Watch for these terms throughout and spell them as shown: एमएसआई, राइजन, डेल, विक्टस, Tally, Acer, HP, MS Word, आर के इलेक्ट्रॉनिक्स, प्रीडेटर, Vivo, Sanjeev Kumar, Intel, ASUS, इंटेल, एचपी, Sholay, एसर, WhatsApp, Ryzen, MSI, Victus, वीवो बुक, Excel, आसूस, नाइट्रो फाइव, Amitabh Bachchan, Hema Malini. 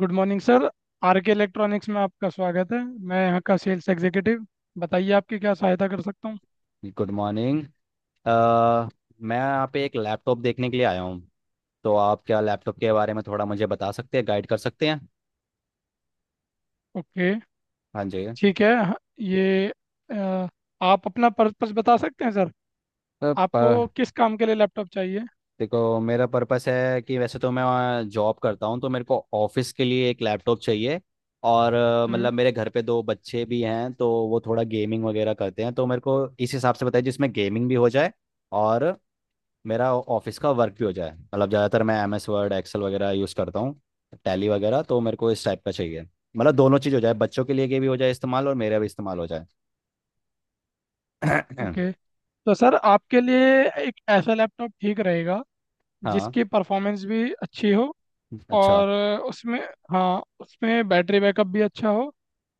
Good morning sir. आर के इलेक्ट्रॉनिक्स में आपका स्वागत है। मैं यहाँ का सेल्स एग्जीक्यूटिव, बताइए आपकी क्या सहायता कर सकता हूँ। Good morning. uh, मैं यहाँ पे एक लैपटॉप देखने के लिए आया हूँ। तो आप क्या लैपटॉप के बारे में थोड़ा मुझे बता सकते हैं, गाइड कर सकते हैं? ओके, हाँ जी। ठीक है। ये अ, आप अपना पर्पस बता सकते हैं सर। तो प- आपको किस काम के लिए लैपटॉप चाहिए। देखो, मेरा पर्पस है कि वैसे तो मैं जॉब करता हूँ, तो मेरे को ऑफिस के लिए एक लैपटॉप चाहिए। और हम्म। मतलब मेरे घर पे दो बच्चे भी हैं, तो वो थोड़ा गेमिंग वगैरह करते हैं, तो मेरे को इस हिसाब से बताइए जिसमें गेमिंग भी हो जाए और मेरा ऑफिस का वर्क भी हो जाए। मतलब ज़्यादातर मैं MS वर्ड, एक्सेल वगैरह यूज़ करता हूँ, टैली वगैरह। तो मेरे को इस टाइप का चाहिए। मतलब दोनों चीज़ हो जाए, बच्चों के लिए के भी हो जाए इस्तेमाल और मेरा भी इस्तेमाल हो जाए। ओके, तो सर आपके लिए एक ऐसा लैपटॉप ठीक रहेगा हाँ। जिसकी परफॉर्मेंस भी अच्छी हो, अच्छा। और उसमें हाँ उसमें बैटरी बैकअप भी अच्छा हो,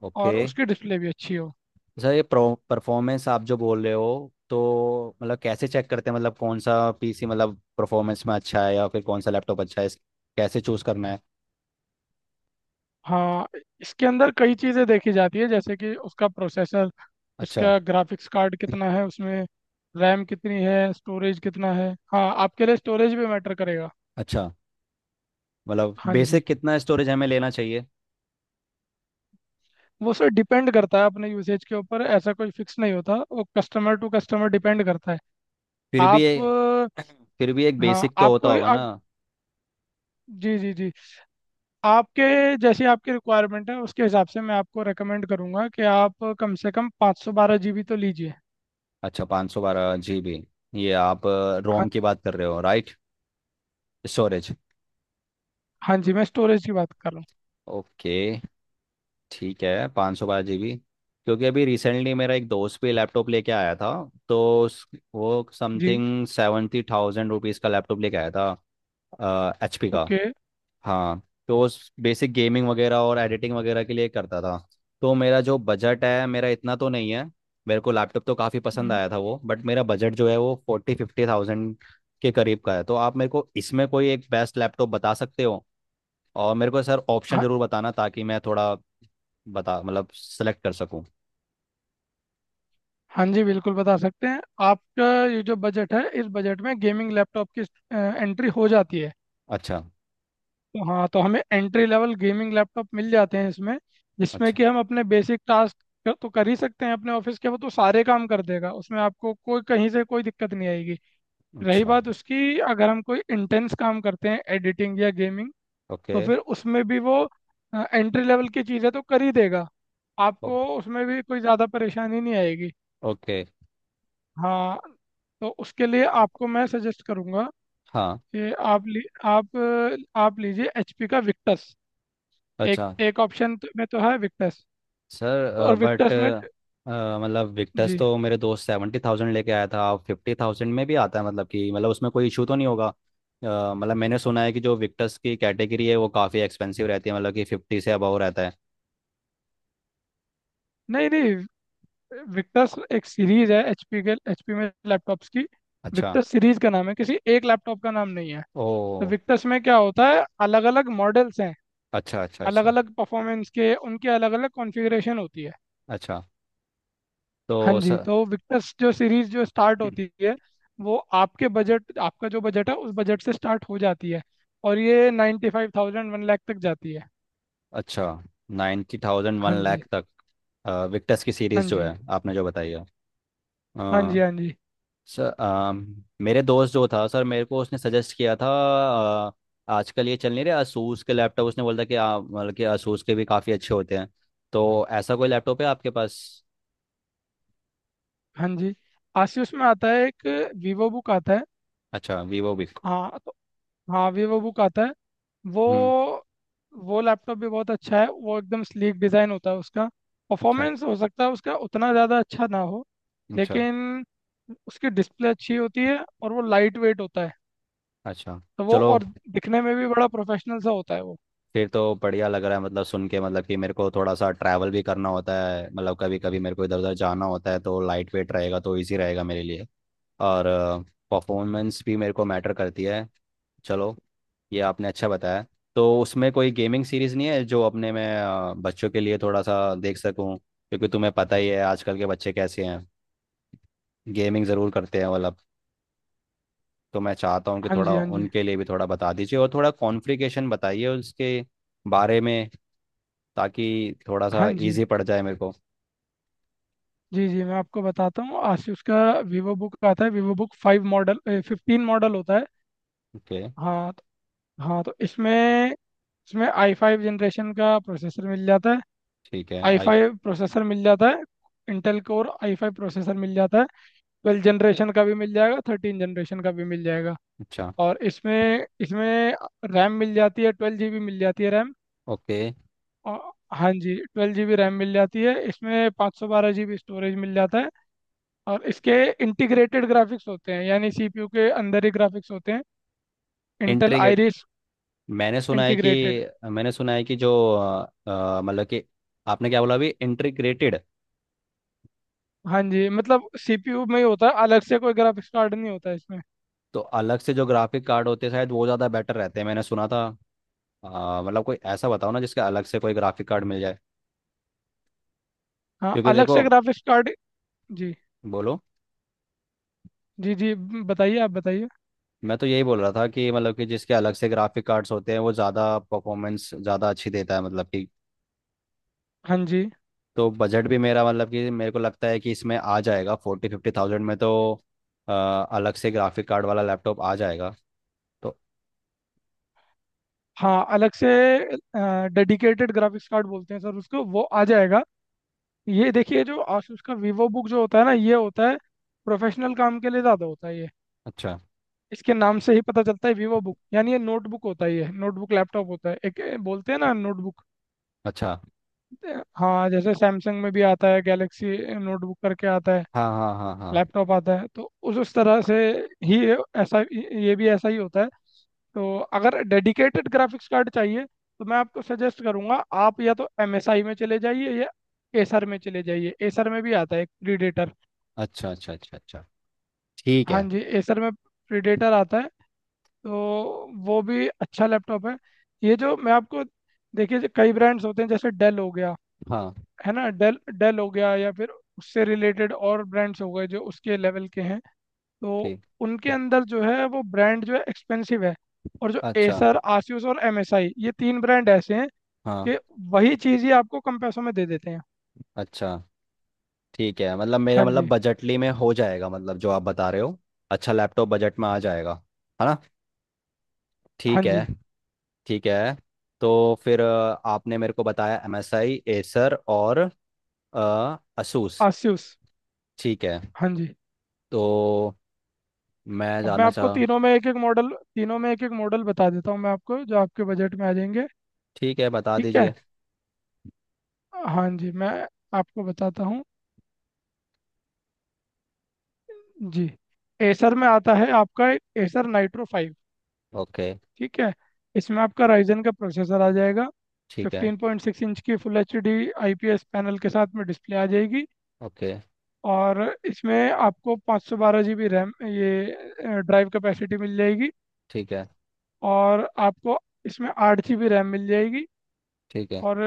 ओके। और उसकी डिस्प्ले भी अच्छी हो। सर, ये परफॉर्मेंस आप जो बोल रहे हो, तो मतलब कैसे चेक करते हैं? मतलब कौन सा पीसी, मतलब परफॉर्मेंस में अच्छा है या फिर कौन सा लैपटॉप अच्छा है? कैसे चूज़ करना है? हाँ, इसके अंदर कई चीज़ें देखी जाती है, जैसे कि उसका प्रोसेसर, अच्छा। उसका ग्राफिक्स कार्ड कितना है उसमें, रैम कितनी है, स्टोरेज कितना है। हाँ, आपके लिए स्टोरेज भी मैटर करेगा। अच्छा, मतलब हाँ जी, बेसिक कितना स्टोरेज हमें लेना चाहिए? वो सर डिपेंड करता है अपने यूसेज के ऊपर, ऐसा कोई फिक्स नहीं होता, वो कस्टमर टू कस्टमर डिपेंड करता है। फिर भी आप ये फिर भी एक अ, हाँ बेसिक तो होता आपको होगा ना। आप जी जी जी आपके जैसी आपकी रिक्वायरमेंट है उसके हिसाब से मैं आपको रेकमेंड करूंगा कि आप कम से कम 512 जीबी तो लीजिए। अच्छा, 512 GB। ये आप हाँ रोम की जी। बात कर रहे हो, राइट? स्टोरेज। हाँ जी, मैं स्टोरेज की बात कर रहा हूँ। ओके। ठीक है, 512 GB। क्योंकि अभी रिसेंटली मेरा एक दोस्त भी लैपटॉप लेके आया था। तो वो जी। समथिंग 70,000 रुपीज़ का लैपटॉप लेके आया था एचपी का। ओके। हाँ, तो उस बेसिक गेमिंग वगैरह और एडिटिंग वगैरह के लिए करता था। तो मेरा जो बजट है, मेरा इतना तो नहीं है। मेरे को लैपटॉप तो काफ़ी पसंद हम्म। आया था वो, बट मेरा बजट जो है वो 40-50,000 के करीब का है। तो आप मेरे को इसमें कोई एक बेस्ट लैपटॉप बता सकते हो? और मेरे को सर ऑप्शन हाँ। ज़रूर बताना, ताकि मैं थोड़ा बता मतलब सेलेक्ट कर सकूँ। हाँ जी, बिल्कुल बता सकते हैं। आपका ये जो बजट है, इस बजट में गेमिंग लैपटॉप की एंट्री हो जाती है। अच्छा। तो हाँ, तो हमें एंट्री लेवल गेमिंग लैपटॉप मिल जाते हैं इसमें, जिसमें अच्छा। कि हम अपने बेसिक टास्क तो कर ही सकते हैं। अपने ऑफिस के वो तो सारे काम कर देगा, उसमें आपको कोई कहीं से कोई दिक्कत नहीं आएगी। रही अच्छा। बात उसकी, अगर हम कोई इंटेंस काम करते हैं एडिटिंग या गेमिंग, ओके। तो फिर उसमें भी वो एंट्री लेवल की चीज़ें तो कर ही देगा, ओ- आपको उसमें भी कोई ज़्यादा परेशानी नहीं आएगी। ओके। हाँ, तो उसके लिए आपको मैं सजेस्ट करूंगा हाँ। कि आप लीजिए एचपी का विक्टस। एक अच्छा। एक ऑप्शन तो में तो है विक्टस, सर, और बट विक्टस में मतलब विक्टर्स जी तो मेरे दोस्त 70,000 लेके आया था। आप 50,000 में भी आता है, मतलब कि मतलब उसमें कोई इशू तो नहीं होगा? मतलब मैंने सुना है कि जो विक्टर्स की कैटेगरी है वो काफ़ी एक्सपेंसिव रहती है, मतलब कि 50 से अबव रहता है। नहीं नहीं, विक्टस एक सीरीज है एचपी के, एचपी में लैपटॉप्स की। अच्छा। विक्टस सीरीज का नाम है, किसी एक लैपटॉप का नाम नहीं है। तो ओ, विक्टस में क्या होता है, अलग अलग मॉडल्स हैं, अच्छा। अच्छा। अलग अच्छा। अलग परफॉर्मेंस के, उनके अलग अलग कॉन्फ़िगरेशन होती है। अच्छा। हाँ तो जी, सर, तो विक्टर्स जो सीरीज जो स्टार्ट होती है वो आपके बजट आपका जो बजट है उस बजट से स्टार्ट हो जाती है, और ये 95,000 1 लाख तक जाती है। अच्छा, नाइन्टी थाउजेंड वन हाँ जी। लाख तक विक्टर्स की हाँ सीरीज़ जो जी। है आपने जो बताई हाँ जी। है। हाँ जी। सर मेरे दोस्त जो था सर, मेरे को उसने सजेस्ट किया था। अ, आजकल ये चल नहीं रहे asus के लैपटॉप, उसने बोला था कि मतलब कि asus के भी काफ़ी अच्छे होते हैं। तो ऐसा कोई लैपटॉप है आपके पास? हाँ जी, आसियोस में आता है एक वीवो बुक आता है। अच्छा, वीवो भी। हाँ तो हाँ, वीवो बुक आता है। वो हम्म। वो लैपटॉप भी बहुत अच्छा है, वो एकदम स्लीक डिज़ाइन होता है उसका। अच्छा। परफॉर्मेंस हो सकता है उसका उतना ज़्यादा अच्छा ना हो, अच्छा। लेकिन उसकी डिस्प्ले अच्छी होती है, और वो लाइट वेट होता है। अच्छा। तो वो चलो। और दिखने में भी बड़ा प्रोफेशनल सा होता है वो। फिर तो बढ़िया लग रहा है मतलब सुन के। मतलब कि मेरे को थोड़ा सा ट्रैवल भी करना होता है, मतलब कभी कभी मेरे को इधर उधर जाना होता है, तो लाइट वेट रहेगा तो इजी रहेगा मेरे लिए। और परफॉर्मेंस भी मेरे को मैटर करती है। चलो, ये आपने अच्छा बताया। तो उसमें कोई गेमिंग सीरीज़ नहीं है जो अपने मैं बच्चों के लिए थोड़ा सा देख सकूं? क्योंकि तुम्हें पता ही है आजकल के बच्चे कैसे हैं, गेमिंग ज़रूर करते हैं मतलब। तो मैं चाहता हूँ कि हाँ थोड़ा जी। हाँ जी। उनके लिए भी थोड़ा बता दीजिए और थोड़ा कॉन्फ्लिकेशन बताइए उसके बारे में, ताकि थोड़ा सा हाँ जी, इजी पड़ जाए मेरे को। जी जी, मैं आपको बताता हूँ आसूस का वीवो बुक आता है, वीवो बुक five model fifteen model होता है। ओके। हाँ तो- हाँ तो इसमें, इसमें आई फाइव जनरेशन का प्रोसेसर मिल जाता है, ठीक है। आई आई फाइव प्रोसेसर मिल जाता है, इंटेल Core i five processor मिल जाता है। ट्वेल्व जनरेशन का भी मिल जाएगा, थर्टीन जनरेशन का भी मिल जाएगा। अच्छा। और इसमें इसमें रैम मिल जाती है, ट्वेल्व जी बी मिल जाती है रैम। ओके। और हाँ जी, ट्वेल्व जी बी रैम मिल जाती है इसमें, 512 जी बी स्टोरेज मिल जाता है। और इसके इंटीग्रेटेड ग्राफिक्स होते हैं, यानी सीपीयू के अंदर ही ग्राफिक्स होते हैं, इंटेल इंट्रीगेट आइरिस मैंने सुना है कि इंटीग्रेटेड। मैंने सुना है कि जो मतलब कि आपने क्या बोला अभी? इंटीग्रेटेड? हाँ जी, मतलब सीपीयू में ही होता है, अलग से कोई ग्राफिक्स कार्ड नहीं होता इसमें। तो अलग से जो ग्राफिक कार्ड होते हैं शायद वो ज़्यादा बेटर रहते हैं, मैंने सुना था। मतलब कोई ऐसा बताओ ना जिसका अलग से कोई ग्राफिक कार्ड मिल जाए। हाँ, क्योंकि अलग देखो। से ग्राफिक्स कार्ड। जी बोलो। जी जी, बताइए आप बताइए। मैं तो यही बोल रहा था कि मतलब कि जिसके अलग से ग्राफिक कार्ड्स होते हैं, वो ज़्यादा परफॉर्मेंस ज़्यादा अच्छी देता है, मतलब कि। हाँ जी, तो बजट भी मेरा, मतलब कि मेरे को लगता है कि इसमें आ जाएगा 40-50,000 में, तो अ, अलग से ग्राफिक कार्ड वाला लैपटॉप आ जाएगा तो। हाँ अलग से डेडिकेटेड ग्राफिक्स कार्ड बोलते हैं सर उसको, वो आ जाएगा। ये देखिए, जो आसूस का वीवो बुक जो होता है ना ये होता है प्रोफेशनल काम के लिए, ज़्यादा होता है ये। अच्छा। इसके नाम से ही पता चलता है वीवो बुक, यानी ये नोटबुक होता ही है, नोटबुक लैपटॉप होता है एक, ए, बोलते हैं ना नोटबुक। अच्छा। हाँ, जैसे सैमसंग में भी आता है गैलेक्सी नोटबुक करके आता है, हाँ, हाँ, हाँ, हाँ। लैपटॉप आता है। तो उस तरह से ही ऐसा ये भी ऐसा ही होता है। तो अगर डेडिकेटेड ग्राफिक्स कार्ड चाहिए, तो मैं आपको सजेस्ट करूंगा आप या तो MSI में चले जाइए या एसर में चले जाइए, एसर में भी आता है एक प्रीडेटर। अच्छा, अच्छा, अच्छा, अच्छा। ठीक हाँ है। जी, एसर में प्रीडेटर आता है, तो वो भी अच्छा लैपटॉप है। ये जो मैं आपको देखिए, जो कई ब्रांड्स होते हैं जैसे डेल हो गया, हाँ। है ना, डेल डेल हो गया, या फिर उससे रिलेटेड और ब्रांड्स हो गए जो उसके लेवल के हैं, तो ठीक। उनके हाँ, अंदर जो है वो ब्रांड जो है एक्सपेंसिव है। और जो अच्छा। एसर, आसूस और एमएसआई, ये तीन ब्रांड ऐसे हैं हाँ। कि वही चीज़ ही आपको कम पैसों में दे देते हैं। अच्छा। ठीक है, मतलब हाँ मेरा मतलब जी। बजटली में हो जाएगा, मतलब जो आप बता रहे हो। अच्छा लैपटॉप बजट में आ जाएगा, है ना? हाँ ठीक है। जी। ठीक है। तो फिर आपने मेरे को बताया MSI, एसर और असूस। आसूस। ठीक है। हाँ जी। तो मैं अब मैं जाना आपको चाह तीनों में एक एक मॉडल तीनों में एक एक मॉडल बता देता हूँ मैं आपको, जो आपके बजट में आ जाएंगे। ठीक है, बता ठीक है, दीजिए। हाँ जी, मैं आपको बताता हूँ। जी, एसर में आता है आपका एसर नाइट्रो फाइव। ओके। ठीक है, इसमें आपका राइजन का प्रोसेसर आ जाएगा। ठीक है। 15.6 इंच की full H D I P S panel के साथ में डिस्प्ले आ जाएगी। ओके। और इसमें आपको 512 GB रैम ये ड्राइव कैपेसिटी मिल जाएगी। ठीक है। और आपको इसमें 8 GB रैम मिल जाएगी। ठीक है। और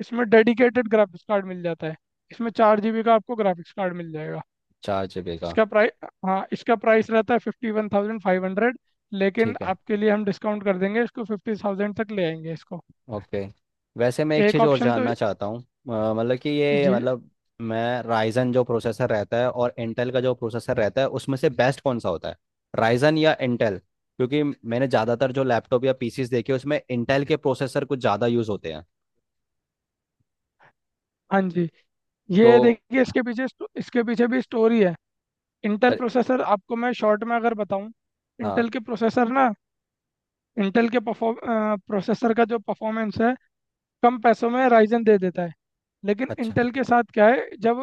इसमें डेडिकेटेड ग्राफिक्स कार्ड मिल जाता है, इसमें 4 GB का आपको ग्राफिक्स कार्ड मिल जाएगा। 4 GB का? इसका प्राइस, हाँ इसका प्राइस रहता है 51,500, लेकिन ठीक है। आपके लिए हम डिस्काउंट कर देंगे, इसको 50,000 तक ले आएंगे इसको। ओके। वैसे मैं एक एक चीज़ और ऑप्शन तो जानना चाहता हूँ। मतलब कि ये जी, मतलब मैं, राइजन जो प्रोसेसर रहता है और इंटेल का जो प्रोसेसर रहता है, उसमें से बेस्ट कौन सा होता है? राइजन या इंटेल? क्योंकि मैंने ज़्यादातर जो लैपटॉप या पीसीस देखे, उसमें इंटेल के प्रोसेसर कुछ ज़्यादा यूज़ होते हैं हाँ जी, ये तो। देखिए इसके पीछे इसके पीछे भी स्टोरी है। इंटेल अरे! प्रोसेसर आपको मैं शॉर्ट में अगर बताऊं, हाँ। इंटेल के प्रोसेसर ना, इंटेल के परफॉर्म प्रोसेसर का जो परफॉर्मेंस है कम पैसों में राइजन दे देता है। लेकिन अच्छा। इंटेल के साथ क्या है, जब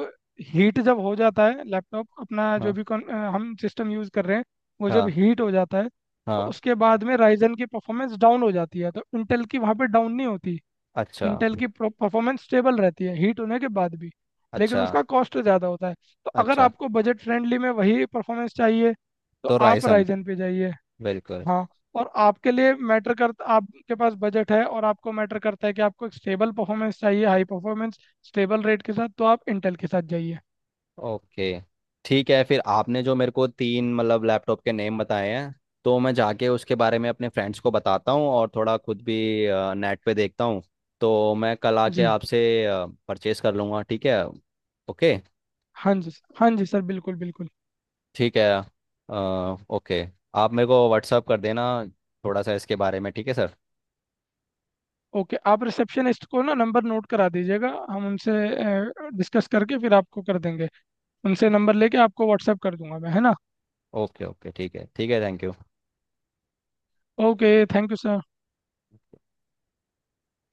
हीट जब हो जाता है लैपटॉप, अपना जो हाँ, भी हम सिस्टम यूज़ कर रहे हैं वो जब हाँ, हीट हो जाता है, तो हाँ। उसके बाद में राइजन की परफॉर्मेंस डाउन हो जाती है, तो इंटेल की वहाँ पे डाउन नहीं होती। अच्छा। इंटेल की परफॉर्मेंस स्टेबल रहती है हीट होने के बाद भी, लेकिन अच्छा। उसका कॉस्ट ज़्यादा होता है। तो अगर अच्छा। आपको बजट फ्रेंडली में वही परफॉर्मेंस चाहिए, तो तो आप रायसन। राइजन पे जाइए। बिल्कुल। हाँ, और आपके लिए मैटर करता आपके पास बजट है, और आपको मैटर करता है कि आपको एक स्टेबल परफॉर्मेंस चाहिए, हाई परफॉर्मेंस स्टेबल रेट के साथ, तो आप इंटेल के साथ जाइए। ओके। ठीक है, फिर आपने जो मेरे को तीन मतलब लैपटॉप के नेम बताए हैं, तो मैं जाके उसके बारे में अपने फ्रेंड्स को बताता हूँ और थोड़ा खुद भी नेट पे देखता हूँ, तो मैं कल आके जी। आपसे परचेस कर लूँगा, ठीक है? ओके। हाँ जी सर, हाँ जी सर, बिल्कुल बिल्कुल। ठीक है। ओके। आप मेरे को व्हाट्सअप कर देना थोड़ा सा इसके बारे में, ठीक है सर? ओके, आप रिसेप्शनिस्ट को ना नंबर नोट करा दीजिएगा, हम उनसे डिस्कस करके फिर आपको कर देंगे, उनसे नंबर लेके आपको व्हाट्सएप कर दूंगा मैं, है ना। ओके। ओके। ठीक है। ठीक है। Thank you. Okay, thank you sir.